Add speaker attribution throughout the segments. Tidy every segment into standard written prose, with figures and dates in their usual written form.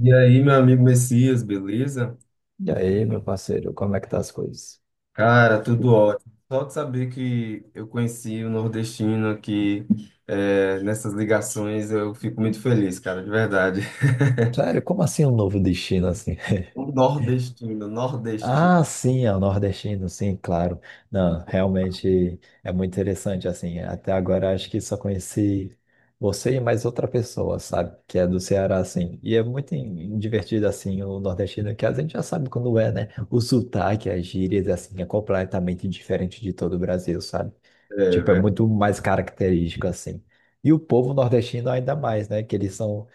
Speaker 1: E aí, meu amigo Messias, beleza?
Speaker 2: E aí, meu parceiro, como é que tá as coisas?
Speaker 1: Cara, tudo ótimo. Só de saber que eu conheci o nordestino aqui, nessas ligações, eu fico muito feliz, cara, de verdade.
Speaker 2: Sério, como assim um novo destino assim?
Speaker 1: Um nordestino, nordestino.
Speaker 2: Ah, sim, é o nordestino, sim, claro. Não, realmente é muito interessante assim. Até agora acho que só conheci você e mais outra pessoa, sabe? Que é do Ceará, assim. E é muito divertido assim o nordestino, que a gente já sabe quando é, né? O sotaque, as gírias, assim, é completamente diferente de todo o Brasil, sabe?
Speaker 1: É,
Speaker 2: Tipo, é
Speaker 1: velho.
Speaker 2: muito mais característico assim. E o povo nordestino ainda mais, né? Que eles são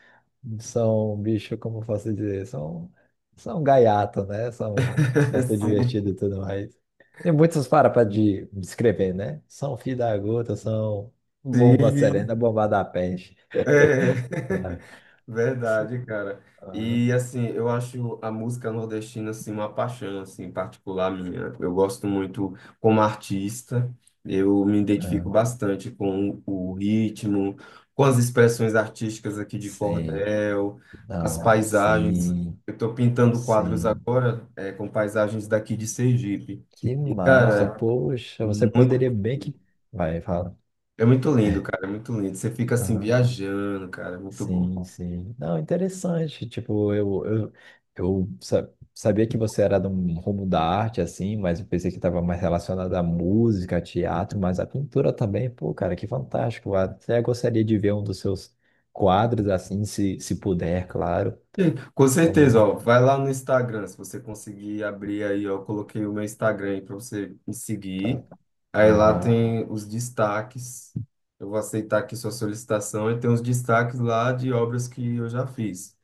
Speaker 2: são bicho, como posso dizer, são, são gaiato, né? São, são tão divertido e
Speaker 1: Sim.
Speaker 2: tudo mais. Tem muitos para de descrever, né? São fio da gota, são bomba
Speaker 1: Sim.
Speaker 2: serena, bomba da peste.
Speaker 1: É,
Speaker 2: Ah,
Speaker 1: verdade, cara.
Speaker 2: ah,
Speaker 1: E assim, eu acho a música nordestina assim uma paixão assim particular minha. Eu gosto muito como artista. Eu me identifico
Speaker 2: ah.
Speaker 1: bastante com o ritmo, com as expressões artísticas aqui de
Speaker 2: Sim,
Speaker 1: cordel, as
Speaker 2: não,
Speaker 1: paisagens.
Speaker 2: sim,
Speaker 1: Eu estou pintando quadros
Speaker 2: sim.
Speaker 1: agora com paisagens daqui de Sergipe.
Speaker 2: Que
Speaker 1: E,
Speaker 2: massa,
Speaker 1: cara,
Speaker 2: poxa, você
Speaker 1: muito,
Speaker 2: poderia bem que. Vai, fala.
Speaker 1: é muito lindo, cara, é muito lindo. Você fica assim
Speaker 2: Aham.
Speaker 1: viajando, cara, é muito bom.
Speaker 2: Sim, sim. Não, interessante. Tipo, eu sabia que você era de um rumo da arte, assim, mas eu pensei que estava mais relacionado à música, teatro, mas a pintura também. Pô, cara, que fantástico. Até gostaria de ver um dos seus quadros, assim, se puder, claro.
Speaker 1: Sim, com
Speaker 2: Como é,
Speaker 1: certeza,
Speaker 2: né?
Speaker 1: ó, vai lá no Instagram, se você conseguir abrir aí, ó, eu coloquei o meu Instagram aí para você me
Speaker 2: Tá.
Speaker 1: seguir. Aí lá
Speaker 2: Aham.
Speaker 1: tem os destaques. Eu vou aceitar aqui sua solicitação e tem os destaques lá de obras que eu já fiz.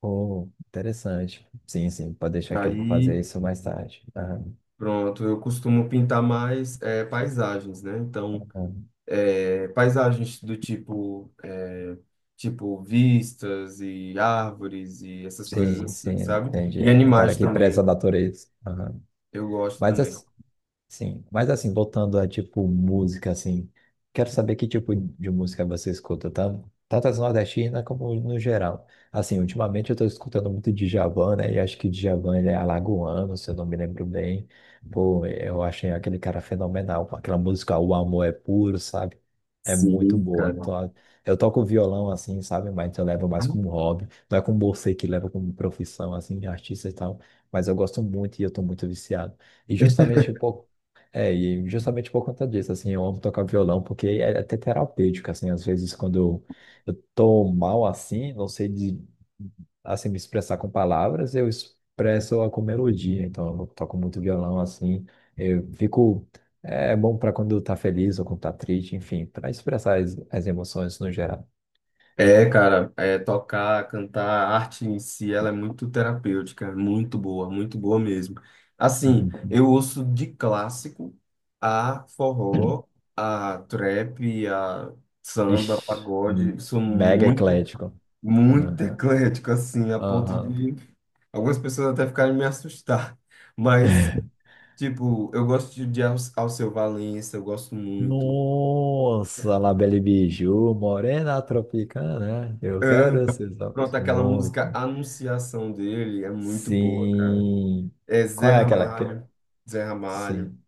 Speaker 2: Pô, interessante. Sim, sim, pode deixar que eu vou
Speaker 1: Aí,
Speaker 2: fazer isso mais tarde. Aham,
Speaker 1: pronto, eu costumo pintar mais paisagens, né? Então,
Speaker 2: aham.
Speaker 1: paisagens do tipo, tipo vistas e árvores e essas coisas
Speaker 2: Sim, sim,
Speaker 1: assim, sabe?
Speaker 2: entendi.
Speaker 1: E
Speaker 2: É um cara
Speaker 1: animais
Speaker 2: que preza
Speaker 1: também.
Speaker 2: a natureza. Aham.
Speaker 1: Eu gosto
Speaker 2: Mas
Speaker 1: também.
Speaker 2: assim, sim, mas assim, voltando a tipo música, assim, quero saber que tipo de música você escuta, tá? Tanto as nordestinas como no geral. Assim, ultimamente eu tô escutando muito Djavan, né? E acho que Djavan ele é alagoano, se eu não me lembro bem. Pô, eu achei aquele cara fenomenal, com aquela música O Amor é Puro, sabe? É muito
Speaker 1: Sim,
Speaker 2: boa.
Speaker 1: cara.
Speaker 2: Eu toco violão assim, sabe? Mas eu levo mais como hobby. Não é como você que leva como profissão, assim, de artista e tal. Mas eu gosto muito e eu tô muito viciado. E justamente um pouco e justamente por conta disso, assim, eu amo tocar violão, porque é até terapêutico, assim, às vezes eu tô mal assim, não sei de, assim, me expressar com palavras, eu expresso com melodia, então eu toco muito violão, assim, eu fico, é bom para quando tá feliz ou quando tá triste, enfim, para expressar as emoções no geral.
Speaker 1: É, cara, é, tocar, cantar, a arte em si, ela é muito terapêutica, é muito boa mesmo. Assim,
Speaker 2: Uhum.
Speaker 1: eu ouço de clássico a forró, a trap, a samba,
Speaker 2: Ixi,
Speaker 1: pagode, sou
Speaker 2: mega
Speaker 1: muito,
Speaker 2: eclético.
Speaker 1: muito
Speaker 2: Aham,
Speaker 1: eclético, assim, a ponto
Speaker 2: aham.
Speaker 1: de algumas pessoas até ficaram me assustar. Mas, tipo, eu gosto de Alceu Valença, eu gosto muito.
Speaker 2: Nossa, La Belle Bijou, Morena Tropicana, é? Eu quero esses olhos
Speaker 1: Pronto, aquela música
Speaker 2: muito.
Speaker 1: Anunciação dele é muito boa, cara.
Speaker 2: Sim.
Speaker 1: É
Speaker 2: Qual
Speaker 1: Zé
Speaker 2: é aquela que...
Speaker 1: Ramalho, Zé Ramalho,
Speaker 2: Sim,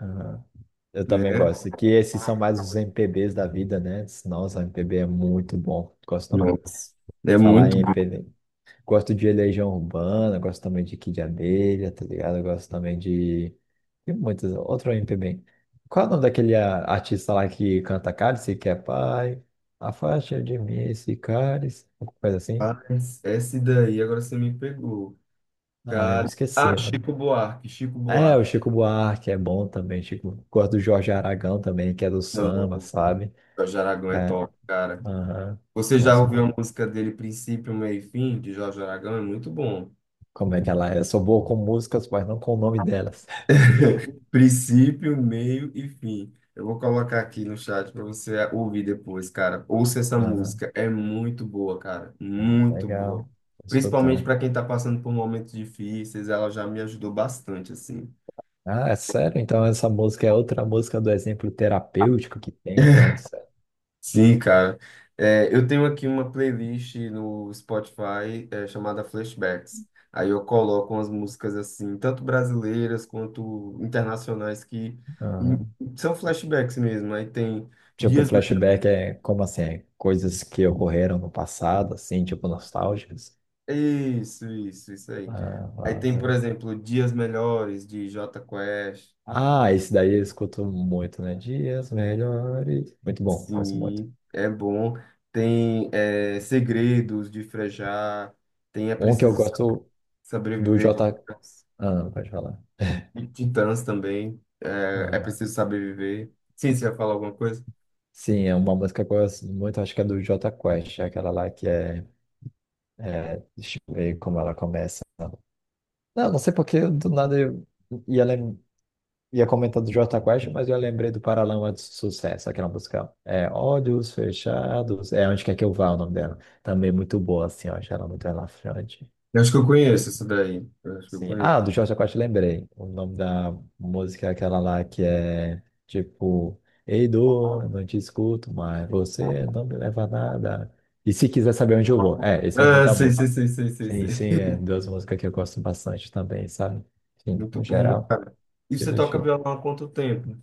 Speaker 2: aham. Eu também
Speaker 1: né?
Speaker 2: gosto. Que esses são mais os MPBs da vida, né? Nossa, MPB é muito bom. Gosto também
Speaker 1: Nossa, é
Speaker 2: de falar
Speaker 1: muito
Speaker 2: em
Speaker 1: bom.
Speaker 2: MPB. Gosto de Legião Urbana, gosto também de Kid Abelha, tá ligado? Gosto também de. Tem muitas. Outro MPB. Qual é o nome daquele artista lá que canta Cálice, que é pai? Afasta de mim esse cálice. Alguma coisa assim?
Speaker 1: Mas esse daí, agora você me pegou.
Speaker 2: Ah, eu me
Speaker 1: Cara, ah,
Speaker 2: esqueci, mano.
Speaker 1: Chico Buarque, Chico
Speaker 2: É,
Speaker 1: Buarque.
Speaker 2: o Chico Buarque é bom também. Chico... Gosto do Jorge Aragão também, que é do
Speaker 1: Não,
Speaker 2: samba,
Speaker 1: o
Speaker 2: sabe?
Speaker 1: Jorge Aragão é
Speaker 2: É,
Speaker 1: top, cara.
Speaker 2: aham.
Speaker 1: Você já
Speaker 2: Gosto
Speaker 1: ouviu a
Speaker 2: muito.
Speaker 1: música dele, Princípio, Meio e Fim, de Jorge Aragão? É muito bom.
Speaker 2: Como é que ela é? Eu sou boa com músicas, mas não com o nome delas.
Speaker 1: Princípio, meio e fim. Eu vou colocar aqui no chat para você ouvir depois, cara. Ouça essa
Speaker 2: Aham,
Speaker 1: música, é muito boa, cara, muito
Speaker 2: legal.
Speaker 1: boa.
Speaker 2: Vou
Speaker 1: Principalmente
Speaker 2: escutar.
Speaker 1: para quem tá passando por momentos difíceis, ela já me ajudou bastante, assim.
Speaker 2: Ah, é sério? Então essa música é outra música do exemplo terapêutico que tem, então, de certo.
Speaker 1: Sim, cara. É, eu tenho aqui uma playlist no Spotify, chamada Flashbacks. Aí eu coloco umas músicas assim, tanto brasileiras quanto internacionais, que
Speaker 2: Aham.
Speaker 1: são flashbacks mesmo. Aí tem
Speaker 2: Tipo,
Speaker 1: dias
Speaker 2: flashback é como assim? É coisas que ocorreram no passado, assim, tipo, nostálgicas.
Speaker 1: isso, isso, isso aí.
Speaker 2: Ah,
Speaker 1: Aí tem, por
Speaker 2: massa.
Speaker 1: exemplo, Dias Melhores, de Jota Quest.
Speaker 2: Ah, esse daí eu escuto muito, né? Dias melhores. Muito bom, conheço muito.
Speaker 1: Sim, é bom. Tem Segredos, de Frejá. Tem É
Speaker 2: Um que eu
Speaker 1: Preciso
Speaker 2: gosto do
Speaker 1: Sobreviver,
Speaker 2: J. Ah, pode falar.
Speaker 1: De Titãs também. É, é
Speaker 2: Ah,
Speaker 1: Preciso Saber Viver. Sim, você ia falar alguma coisa?
Speaker 2: sim, é uma música que eu gosto muito, acho que é do J Quest, é aquela lá que é, é. Deixa eu ver como ela começa. Não, não sei porque do nada eu ia, lem... ia comentar do Jota Quest, mas eu lembrei do Paralamas de Sucesso, aquela música. É Olhos Fechados. É Onde Quer Que Eu Vá, o nome dela. Também muito boa, assim, ó. Achei ela muito relaxante.
Speaker 1: Eu acho que eu conheço isso daí. Eu acho que eu
Speaker 2: Sim.
Speaker 1: conheço.
Speaker 2: Ah, do Jota Quest lembrei. O nome da música é aquela lá que é tipo. Ei, dor, eu não te escuto, mas você não me leva a nada. E se quiser saber onde eu vou. É, esse é o nome
Speaker 1: Ah,
Speaker 2: da
Speaker 1: sei,
Speaker 2: música.
Speaker 1: sei, sei, sei, sei,
Speaker 2: Sim,
Speaker 1: sei.
Speaker 2: sim, é duas músicas que eu gosto bastante também, sabe? Sim,
Speaker 1: Muito
Speaker 2: no
Speaker 1: bom.
Speaker 2: geral.
Speaker 1: E
Speaker 2: De
Speaker 1: você toca
Speaker 2: mexer.
Speaker 1: violão há quanto tempo?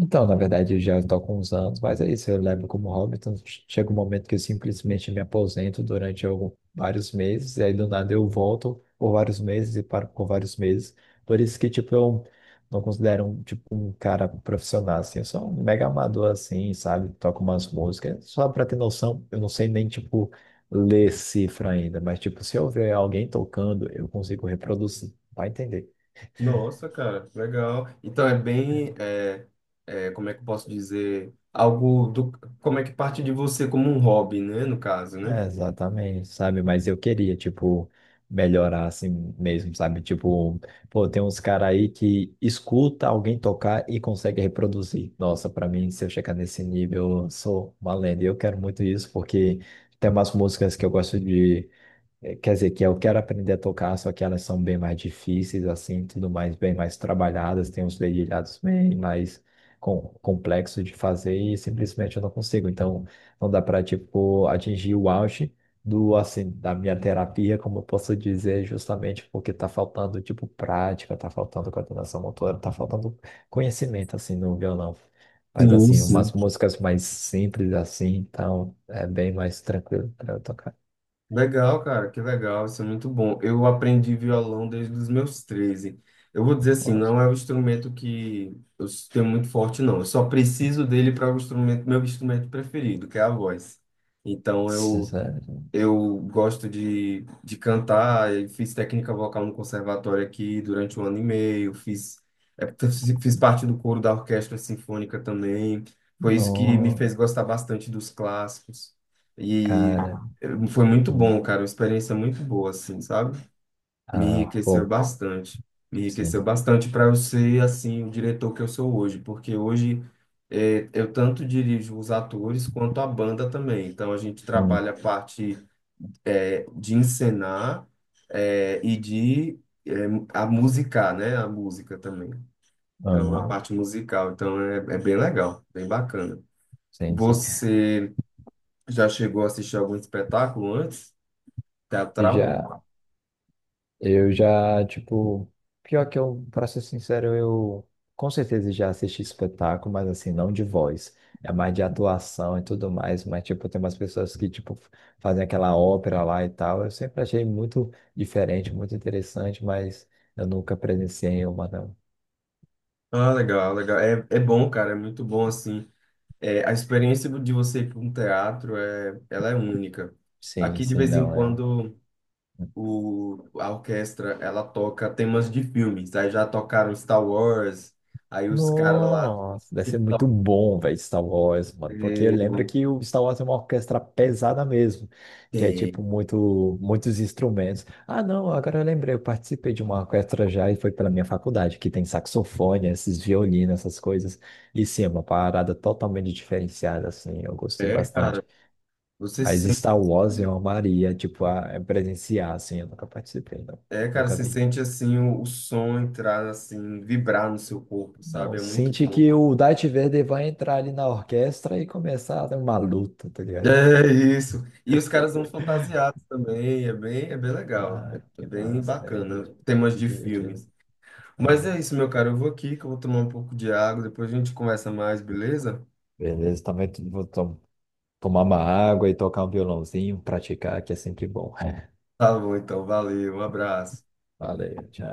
Speaker 2: Então, na verdade, eu já estou com uns anos, mas é isso, eu levo como hobby. Então, chega um momento que eu simplesmente me aposento durante algum, vários meses, e aí do nada eu volto por vários meses e paro por vários meses. Por isso que, tipo, eu não considero um, tipo, um cara profissional, assim, eu sou um mega amador, assim, sabe? Toco umas músicas, só pra ter noção, eu não sei nem, tipo, ler cifra ainda, mas, tipo, se eu ver alguém tocando, eu consigo reproduzir, vai entender.
Speaker 1: Nossa, cara, legal. Então é bem, é, é, como é que eu posso dizer, algo do, como é que parte de você como um hobby, né, no caso, né?
Speaker 2: É, exatamente, sabe? Mas eu queria, tipo, melhorar assim mesmo, sabe? Tipo, pô, tem uns caras aí que escuta alguém tocar e consegue reproduzir. Nossa, pra mim, se eu chegar nesse nível, eu sou uma lenda. E eu quero muito isso, porque tem umas músicas que eu gosto de. É, quer dizer, que eu quero aprender a tocar, só que elas são bem mais difíceis, assim, tudo mais, bem mais trabalhadas, tem uns dedilhados bem mais complexos de fazer e simplesmente eu não consigo. Então, não dá para, tipo, atingir o auge do, assim, da minha terapia, como eu posso dizer, justamente porque tá faltando, tipo, prática, tá faltando coordenação motora, tá faltando conhecimento, assim, no violão. Mas,
Speaker 1: Sim,
Speaker 2: assim, umas
Speaker 1: sim.
Speaker 2: músicas mais simples, assim, então, é bem mais tranquilo para eu tocar.
Speaker 1: Legal, cara, que legal, isso é muito bom. Eu aprendi violão desde os meus 13. Eu vou dizer assim, não é um instrumento que eu tenho muito forte, não. Eu só preciso dele para o instrumento, meu instrumento preferido, que é a voz. Então eu
Speaker 2: Sério?
Speaker 1: Eu gosto de cantar, eu fiz técnica vocal no conservatório aqui durante 1 ano e meio, fiz, é, fiz parte do coro da orquestra sinfônica também. Foi isso que me
Speaker 2: Não,
Speaker 1: fez gostar bastante dos clássicos. E
Speaker 2: cara.
Speaker 1: foi muito bom,
Speaker 2: Hum.
Speaker 1: cara, uma experiência muito boa, assim, sabe? Me
Speaker 2: Ah,
Speaker 1: enriqueceu
Speaker 2: bom,
Speaker 1: bastante. Me enriqueceu
Speaker 2: sim.
Speaker 1: bastante para eu ser, assim, o diretor que eu sou hoje, porque hoje eu tanto dirijo os atores quanto a banda também. Então a gente
Speaker 2: Hum.
Speaker 1: trabalha a parte de encenar e a musicar, né? A música também. Então, a
Speaker 2: Aham.
Speaker 1: parte musical. Então, é, é bem legal, bem bacana.
Speaker 2: Sim, sim.
Speaker 1: Você já chegou a assistir algum espetáculo antes?
Speaker 2: E
Speaker 1: Teatral?
Speaker 2: já, eu já, tipo, pior que eu, pra ser sincero, eu com certeza já assisti espetáculo, mas assim, não de voz. É mais de atuação e tudo mais, mas tipo, tem umas pessoas que, tipo, fazem aquela ópera lá e tal. Eu sempre achei muito diferente, muito interessante, mas eu nunca presenciei uma, não.
Speaker 1: Ah, legal, legal. É, é bom, cara, é muito bom, assim. É, a experiência de você ir para um teatro, é, ela é única.
Speaker 2: Sim,
Speaker 1: Aqui, de
Speaker 2: sim,
Speaker 1: vez em
Speaker 2: não, é.
Speaker 1: quando, a orquestra ela toca temas de filmes. Aí já tocaram Star Wars, aí os caras lá
Speaker 2: Nossa, deve
Speaker 1: que
Speaker 2: ser muito
Speaker 1: tocam.
Speaker 2: bom, velho, Star Wars, mano. Porque
Speaker 1: É,
Speaker 2: lembra que o Star Wars é uma orquestra pesada mesmo, que é
Speaker 1: tem.
Speaker 2: tipo muito, muitos instrumentos. Ah, não, agora eu lembrei, eu participei de uma orquestra já e foi pela minha faculdade, que tem saxofone, esses violinos, essas coisas. E sim, é uma parada totalmente diferenciada, assim, eu gostei
Speaker 1: É, cara,
Speaker 2: bastante.
Speaker 1: você
Speaker 2: Mas
Speaker 1: sente,
Speaker 2: Star Wars eu amaria, tipo, a presenciar, assim, eu nunca participei, não.
Speaker 1: é, cara,
Speaker 2: Nunca
Speaker 1: você
Speaker 2: vi.
Speaker 1: sente assim o som entrar assim, vibrar no seu corpo, sabe?
Speaker 2: Não,
Speaker 1: É muito
Speaker 2: sente
Speaker 1: bom.
Speaker 2: que o Darth Vader vai entrar ali na orquestra e começar a dar uma luta, tá ligado?
Speaker 1: É isso. E os caras vão fantasiados também, é bem legal.
Speaker 2: Ah,
Speaker 1: É
Speaker 2: que
Speaker 1: bem
Speaker 2: massa, velho. Que
Speaker 1: bacana, temas
Speaker 2: que
Speaker 1: de
Speaker 2: divertido.
Speaker 1: filmes. Mas é
Speaker 2: Aham.
Speaker 1: isso, meu cara, eu vou aqui que eu vou tomar um pouco de água, depois a gente conversa mais, beleza?
Speaker 2: Beleza, também tomar uma água e tocar um violãozinho, praticar, que é sempre bom.
Speaker 1: Tá bom, então, valeu, um abraço.
Speaker 2: Valeu, tchau.